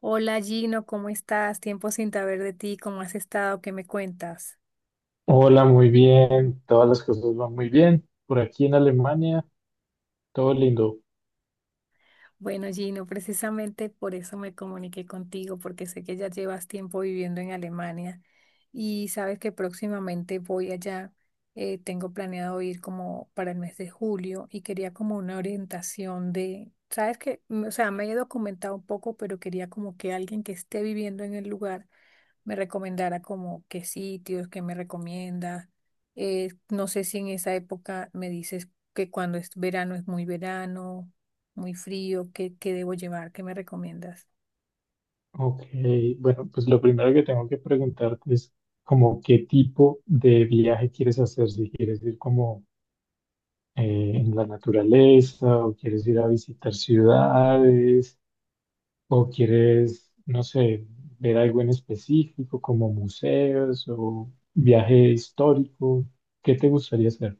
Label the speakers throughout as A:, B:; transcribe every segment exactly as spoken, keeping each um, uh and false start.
A: Hola Gino, ¿cómo estás? Tiempo sin saber de ti, ¿cómo has estado? ¿Qué me cuentas?
B: Hola, muy bien. Todas las cosas van muy bien. Por aquí en Alemania, todo lindo.
A: Bueno, Gino, precisamente por eso me comuniqué contigo, porque sé que ya llevas tiempo viviendo en Alemania y sabes que próximamente voy allá. Eh, tengo planeado ir como para el mes de julio y quería como una orientación de, sabes que, Mm, o sea, me he documentado un poco, pero quería como que alguien que esté viviendo en el lugar me recomendara como qué sitios, qué me recomienda. Eh, no sé si en esa época me dices que cuando es verano es muy verano muy frío, ¿qué, qué debo llevar? ¿Qué me recomiendas?
B: Ok, bueno, pues lo primero que tengo que preguntarte es como qué tipo de viaje quieres hacer, si quieres ir como eh, en la naturaleza o quieres ir a visitar ciudades o quieres, no sé, ver algo en específico como museos o viaje histórico. ¿Qué te gustaría hacer?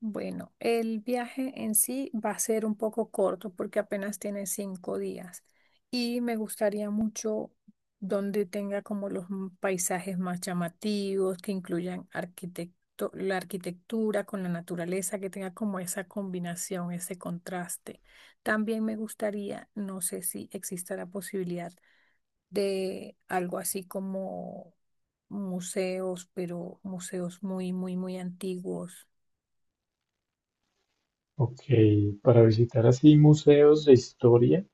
A: Bueno, el viaje en sí va a ser un poco corto porque apenas tiene cinco días y me gustaría mucho donde tenga como los m- paisajes más llamativos, que incluyan arquitecto- la arquitectura con la naturaleza, que tenga como esa combinación, ese contraste. También me gustaría, no sé si exista la posibilidad de algo así como museos, pero museos muy, muy, muy antiguos.
B: Ok, para visitar así museos de historia.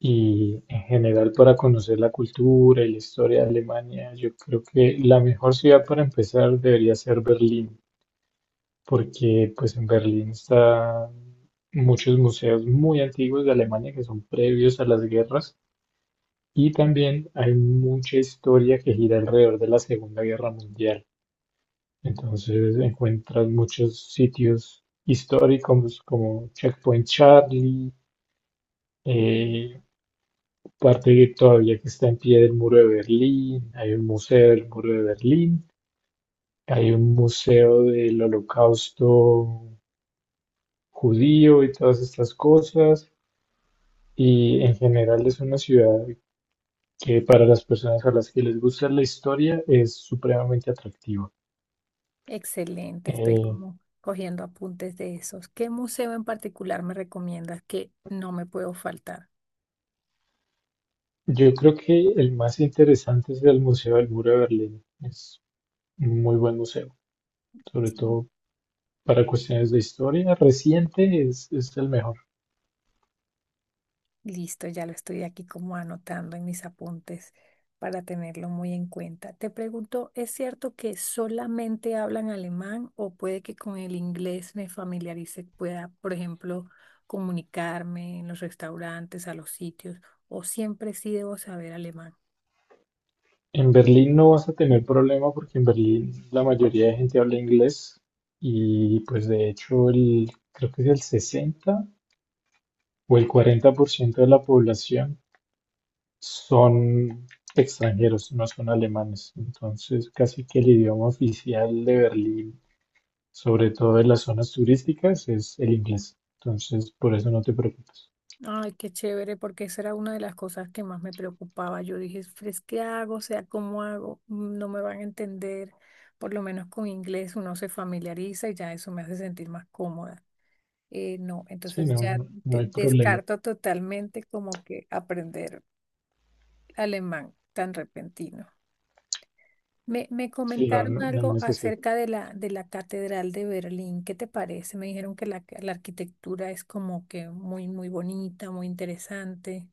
B: Y en general para conocer la cultura y la historia de Alemania, yo creo que la mejor ciudad para empezar debería ser Berlín, porque pues en Berlín están muchos museos muy antiguos de Alemania que son previos a las guerras y también hay mucha historia que gira alrededor de la Segunda Guerra Mundial. Entonces encuentras muchos sitios históricos como Checkpoint Charlie,
A: Mm.
B: eh, parte todavía que está en pie del muro de Berlín, hay un museo del muro de Berlín, hay un museo del holocausto judío y todas estas cosas, y en general es una ciudad que para las personas a las que les gusta la historia es supremamente atractiva.
A: Excelente, estoy
B: Eh,
A: como cogiendo apuntes de esos. ¿Qué museo en particular me recomiendas que no me puedo faltar?
B: yo creo que el más interesante es el Museo del Muro de Berlín, es un muy buen museo, sobre todo para cuestiones de historia reciente es, es el mejor.
A: Listo, ya lo estoy aquí como anotando en mis apuntes para tenerlo muy en cuenta. Te pregunto, ¿es cierto que solamente hablan alemán o puede que con el inglés me familiarice, pueda, por ejemplo, comunicarme en los restaurantes, a los sitios, o siempre sí debo saber alemán?
B: En Berlín no vas a tener problema porque en Berlín la mayoría de gente habla inglés y pues de hecho el, creo que es el sesenta o el cuarenta por ciento de la población son extranjeros, no son alemanes. Entonces casi que el idioma oficial de Berlín, sobre todo en las zonas turísticas, es el inglés. Entonces por eso no te preocupes.
A: Ay, qué chévere, porque esa era una de las cosas que más me preocupaba. Yo dije, "Fres, ¿qué hago? O sea, ¿cómo hago? Mm, No me van a entender". Por lo menos con inglés uno se familiariza y ya eso me hace sentir más cómoda. Eh, no,
B: Sí,
A: entonces
B: no,
A: ya
B: no, no
A: de-
B: hay problema.
A: descarto totalmente como que aprender alemán tan repentino. Me, me
B: Sí, no,
A: comentaron
B: no, no hay
A: algo
B: necesidad.
A: acerca de la, de la Catedral de Berlín. ¿Qué te parece? Me dijeron que la, la arquitectura es como que muy, muy bonita, muy interesante.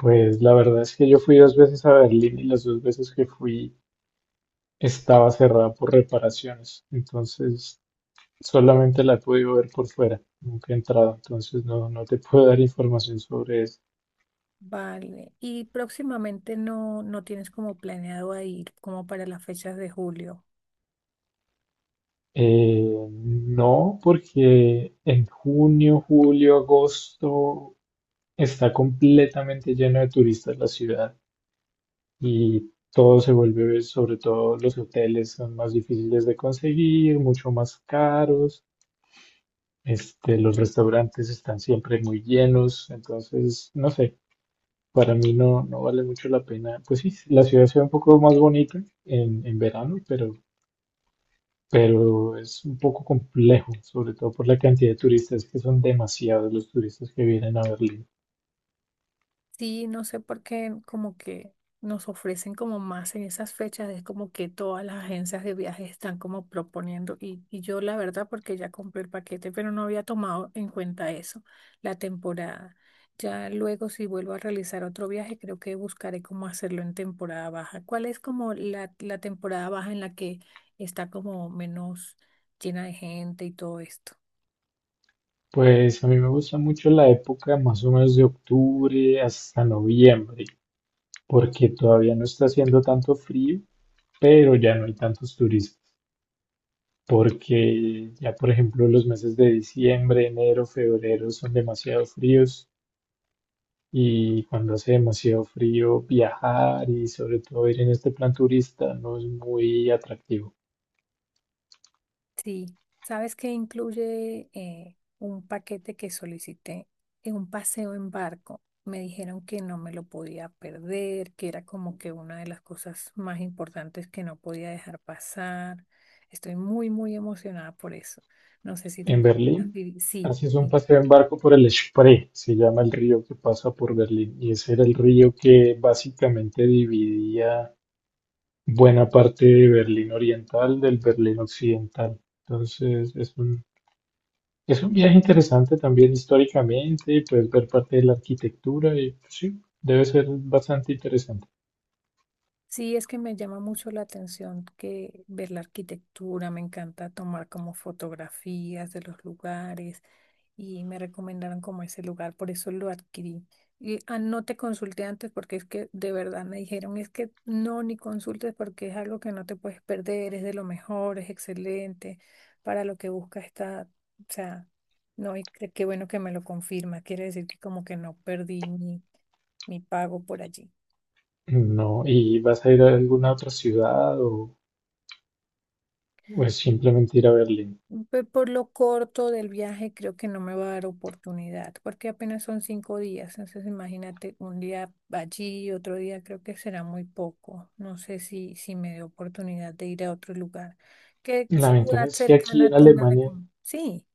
B: Pues la verdad es que yo fui dos veces a Berlín y las dos veces que fui estaba cerrada por reparaciones, entonces solamente la he podido ver por fuera, nunca he entrado, entonces no, no te puedo dar información sobre eso.
A: Vale. Y próximamente no, no tienes como planeado a ir como para las fechas de julio.
B: Eh, no, porque en junio, julio, agosto está completamente lleno de turistas la ciudad y todo se vuelve, sobre todo los hoteles son más difíciles de conseguir, mucho más caros. Este, los restaurantes están siempre muy llenos, entonces, no sé, para mí no, no vale mucho la pena. Pues sí, la ciudad se ve un poco más bonita en, en verano, pero, pero es un poco complejo, sobre todo por la cantidad de turistas, que son demasiados los turistas que vienen a Berlín.
A: Sí, no sé por qué como que nos ofrecen como más en esas fechas, es como que todas las agencias de viajes están como proponiendo y, y yo la verdad porque ya compré el paquete, pero no había tomado en cuenta eso, la temporada. Ya luego si vuelvo a realizar otro viaje, creo que buscaré cómo hacerlo en temporada baja. ¿Cuál es como la, la temporada baja en la que está como menos llena de gente y todo esto?
B: Pues a mí me gusta mucho la época más o menos de octubre hasta noviembre, porque todavía no está haciendo tanto frío, pero ya no hay tantos turistas, porque ya por ejemplo los meses de diciembre, enero, febrero son demasiado fríos. Y cuando hace demasiado frío, viajar y sobre todo ir en este plan turista no es muy atractivo.
A: Sí, sabes que incluye eh, un paquete que solicité en un paseo en barco. Me dijeron que no me lo podía perder, que era como que una de las cosas más importantes que no podía dejar pasar. Estoy muy, muy emocionada por eso. No sé si tú...
B: En
A: también has
B: Berlín,
A: vivi- Sí,
B: haces un
A: sí.
B: paseo en barco por el Spree, se llama el río que pasa por Berlín. Y ese era el río que básicamente dividía buena parte de Berlín Oriental del Berlín Occidental. Entonces, es un, es un viaje interesante también históricamente, puedes ver parte de la arquitectura y pues, sí, debe ser bastante interesante.
A: Sí, es que me llama mucho la atención que ver la arquitectura, me encanta tomar como fotografías de los lugares y me recomendaron como ese lugar, por eso lo adquirí. Y ah, no te consulté antes porque es que de verdad me dijeron, es que no, ni consultes porque es algo que no te puedes perder, es de lo mejor, es excelente, para lo que buscas está, o sea, no, y qué qué bueno que me lo confirma, quiere decir que como que no perdí mi, mi pago por allí.
B: No, ¿y vas a ir a alguna otra ciudad o, o es simplemente ir a Berlín?
A: pe- Por lo corto del viaje, creo que no me va a dar oportunidad, porque apenas son cinco días. Entonces, imagínate un día allí otro día creo que será muy poco. No sé si, si me dé oportunidad de ir a otro lugar. ¿Qué
B: La ventaja
A: ciudad
B: es que aquí
A: cercana
B: en
A: tú me
B: Alemania,
A: recomiendas? Sí,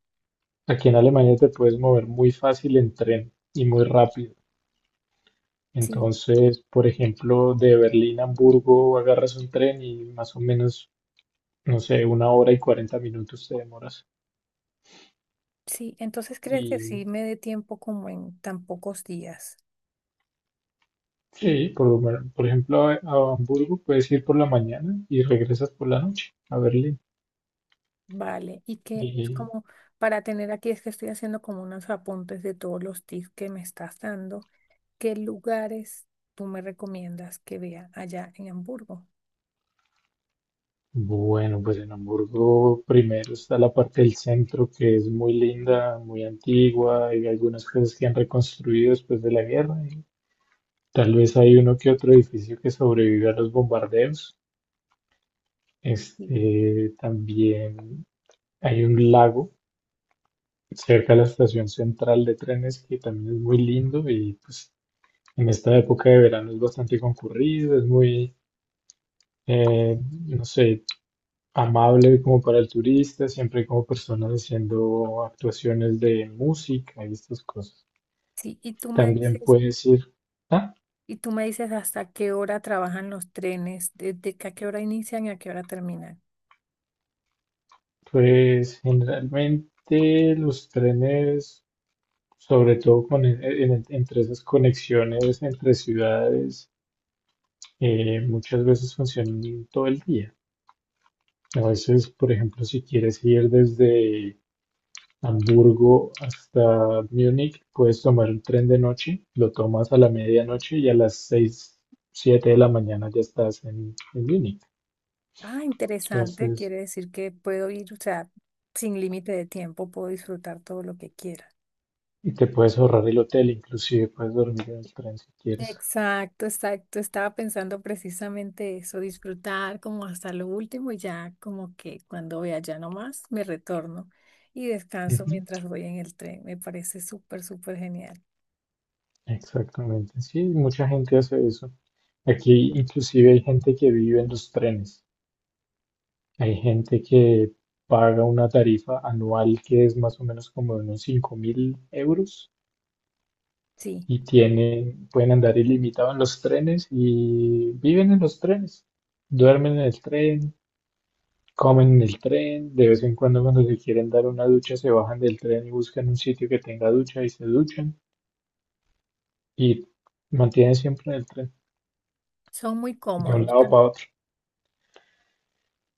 B: aquí en Alemania te puedes mover muy fácil en tren y muy rápido.
A: sí,
B: Entonces, por ejemplo, de Berlín a Hamburgo agarras un tren y más o menos, no sé, una hora y cuarenta minutos te demoras.
A: sí. Entonces, ¿crees que sí
B: Y
A: me dé tiempo como en tan pocos días?
B: sí, por, lo men- por ejemplo, a, a Hamburgo puedes ir por la mañana y regresas por la noche a Berlín.
A: Vale, y que es como para tener aquí, es que estoy haciendo como unos apuntes de todos los tips que me estás dando. ¿Qué lugares tú me recomiendas que vea allá en Hamburgo?
B: Bueno, pues en Hamburgo primero está la parte del centro que es muy linda, muy antigua, y algunas cosas que han reconstruido después de la guerra, y tal vez hay uno que otro edificio que sobrevive a los bombardeos.
A: Sí.
B: Este, también hay un lago cerca de la estación central de trenes que también es muy lindo y pues en esta época de verano es bastante concurrido, es muy, eh, no sé, amable como para el turista, siempre hay como personas haciendo actuaciones de música y estas cosas.
A: Sí, y tú me
B: También
A: dices,
B: puedes ir, ah,
A: y tú me dices hasta qué hora trabajan los trenes, desde que a qué hora inician y a qué hora terminan.
B: pues generalmente los trenes, sobre todo con, en- en- entre esas conexiones entre ciudades, eh, muchas veces funcionan todo el día. A veces, por ejemplo, si quieres ir desde Hamburgo hasta Múnich, puedes tomar un tren de noche, lo tomas a la medianoche y a las seis siete de la mañana ya estás en, en Múnich.
A: Ah, interesante,
B: Entonces,
A: quiere decir que puedo ir, o sea, sin límite de tiempo, puedo disfrutar todo lo que quiera.
B: y te puedes ahorrar el hotel, inclusive puedes dormir en el tren si quieres.
A: Exacto, exacto. Estaba pensando precisamente eso, disfrutar como hasta lo último y ya como que cuando voy allá nomás me retorno y descanso
B: Ujú,
A: mientras voy en el tren. Me parece súper, súper genial.
B: exactamente, sí, mucha gente hace eso. Aquí inclusive hay gente que vive en los trenes. Hay gente que paga una tarifa anual que es más o menos como de unos cinco mil euros
A: Sí,
B: y tienen, pueden andar ilimitado en los trenes y viven en los trenes, duermen en el tren, comen en el tren, de vez en cuando cuando se quieren dar una ducha se bajan del tren y buscan un sitio que tenga ducha y se duchan y mantienen siempre en el tren,
A: son muy
B: de un
A: cómodos.
B: lado para otro.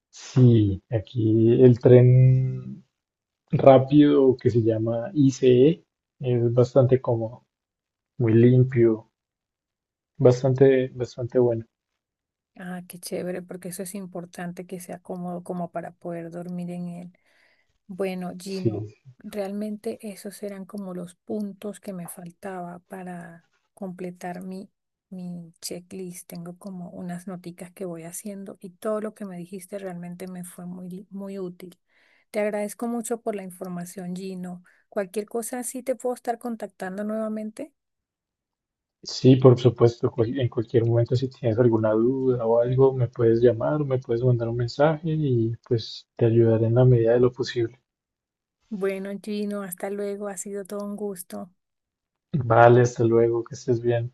B: Sí, aquí el tren rápido que se llama I C E es bastante cómodo, muy limpio, bastante, bastante bueno.
A: Ah, qué chévere, porque eso es importante que sea cómodo como para poder dormir en él. Bueno,
B: Sí,
A: Gino, realmente esos eran como los puntos que me faltaba para completar mi, mi checklist. Tengo como unas noticas que voy haciendo y todo lo que me dijiste realmente me fue muy, muy útil. Te agradezco mucho por la información, Gino. Cualquier cosa sí te puedo estar contactando nuevamente.
B: sí, por supuesto, cual- en cualquier momento si tienes alguna duda o algo, me puedes llamar, me puedes mandar un mensaje y pues te ayudaré en la medida de lo posible.
A: Bueno, Gino, hasta luego. Ha sido todo un gusto.
B: Vale, hasta luego, que estés bien.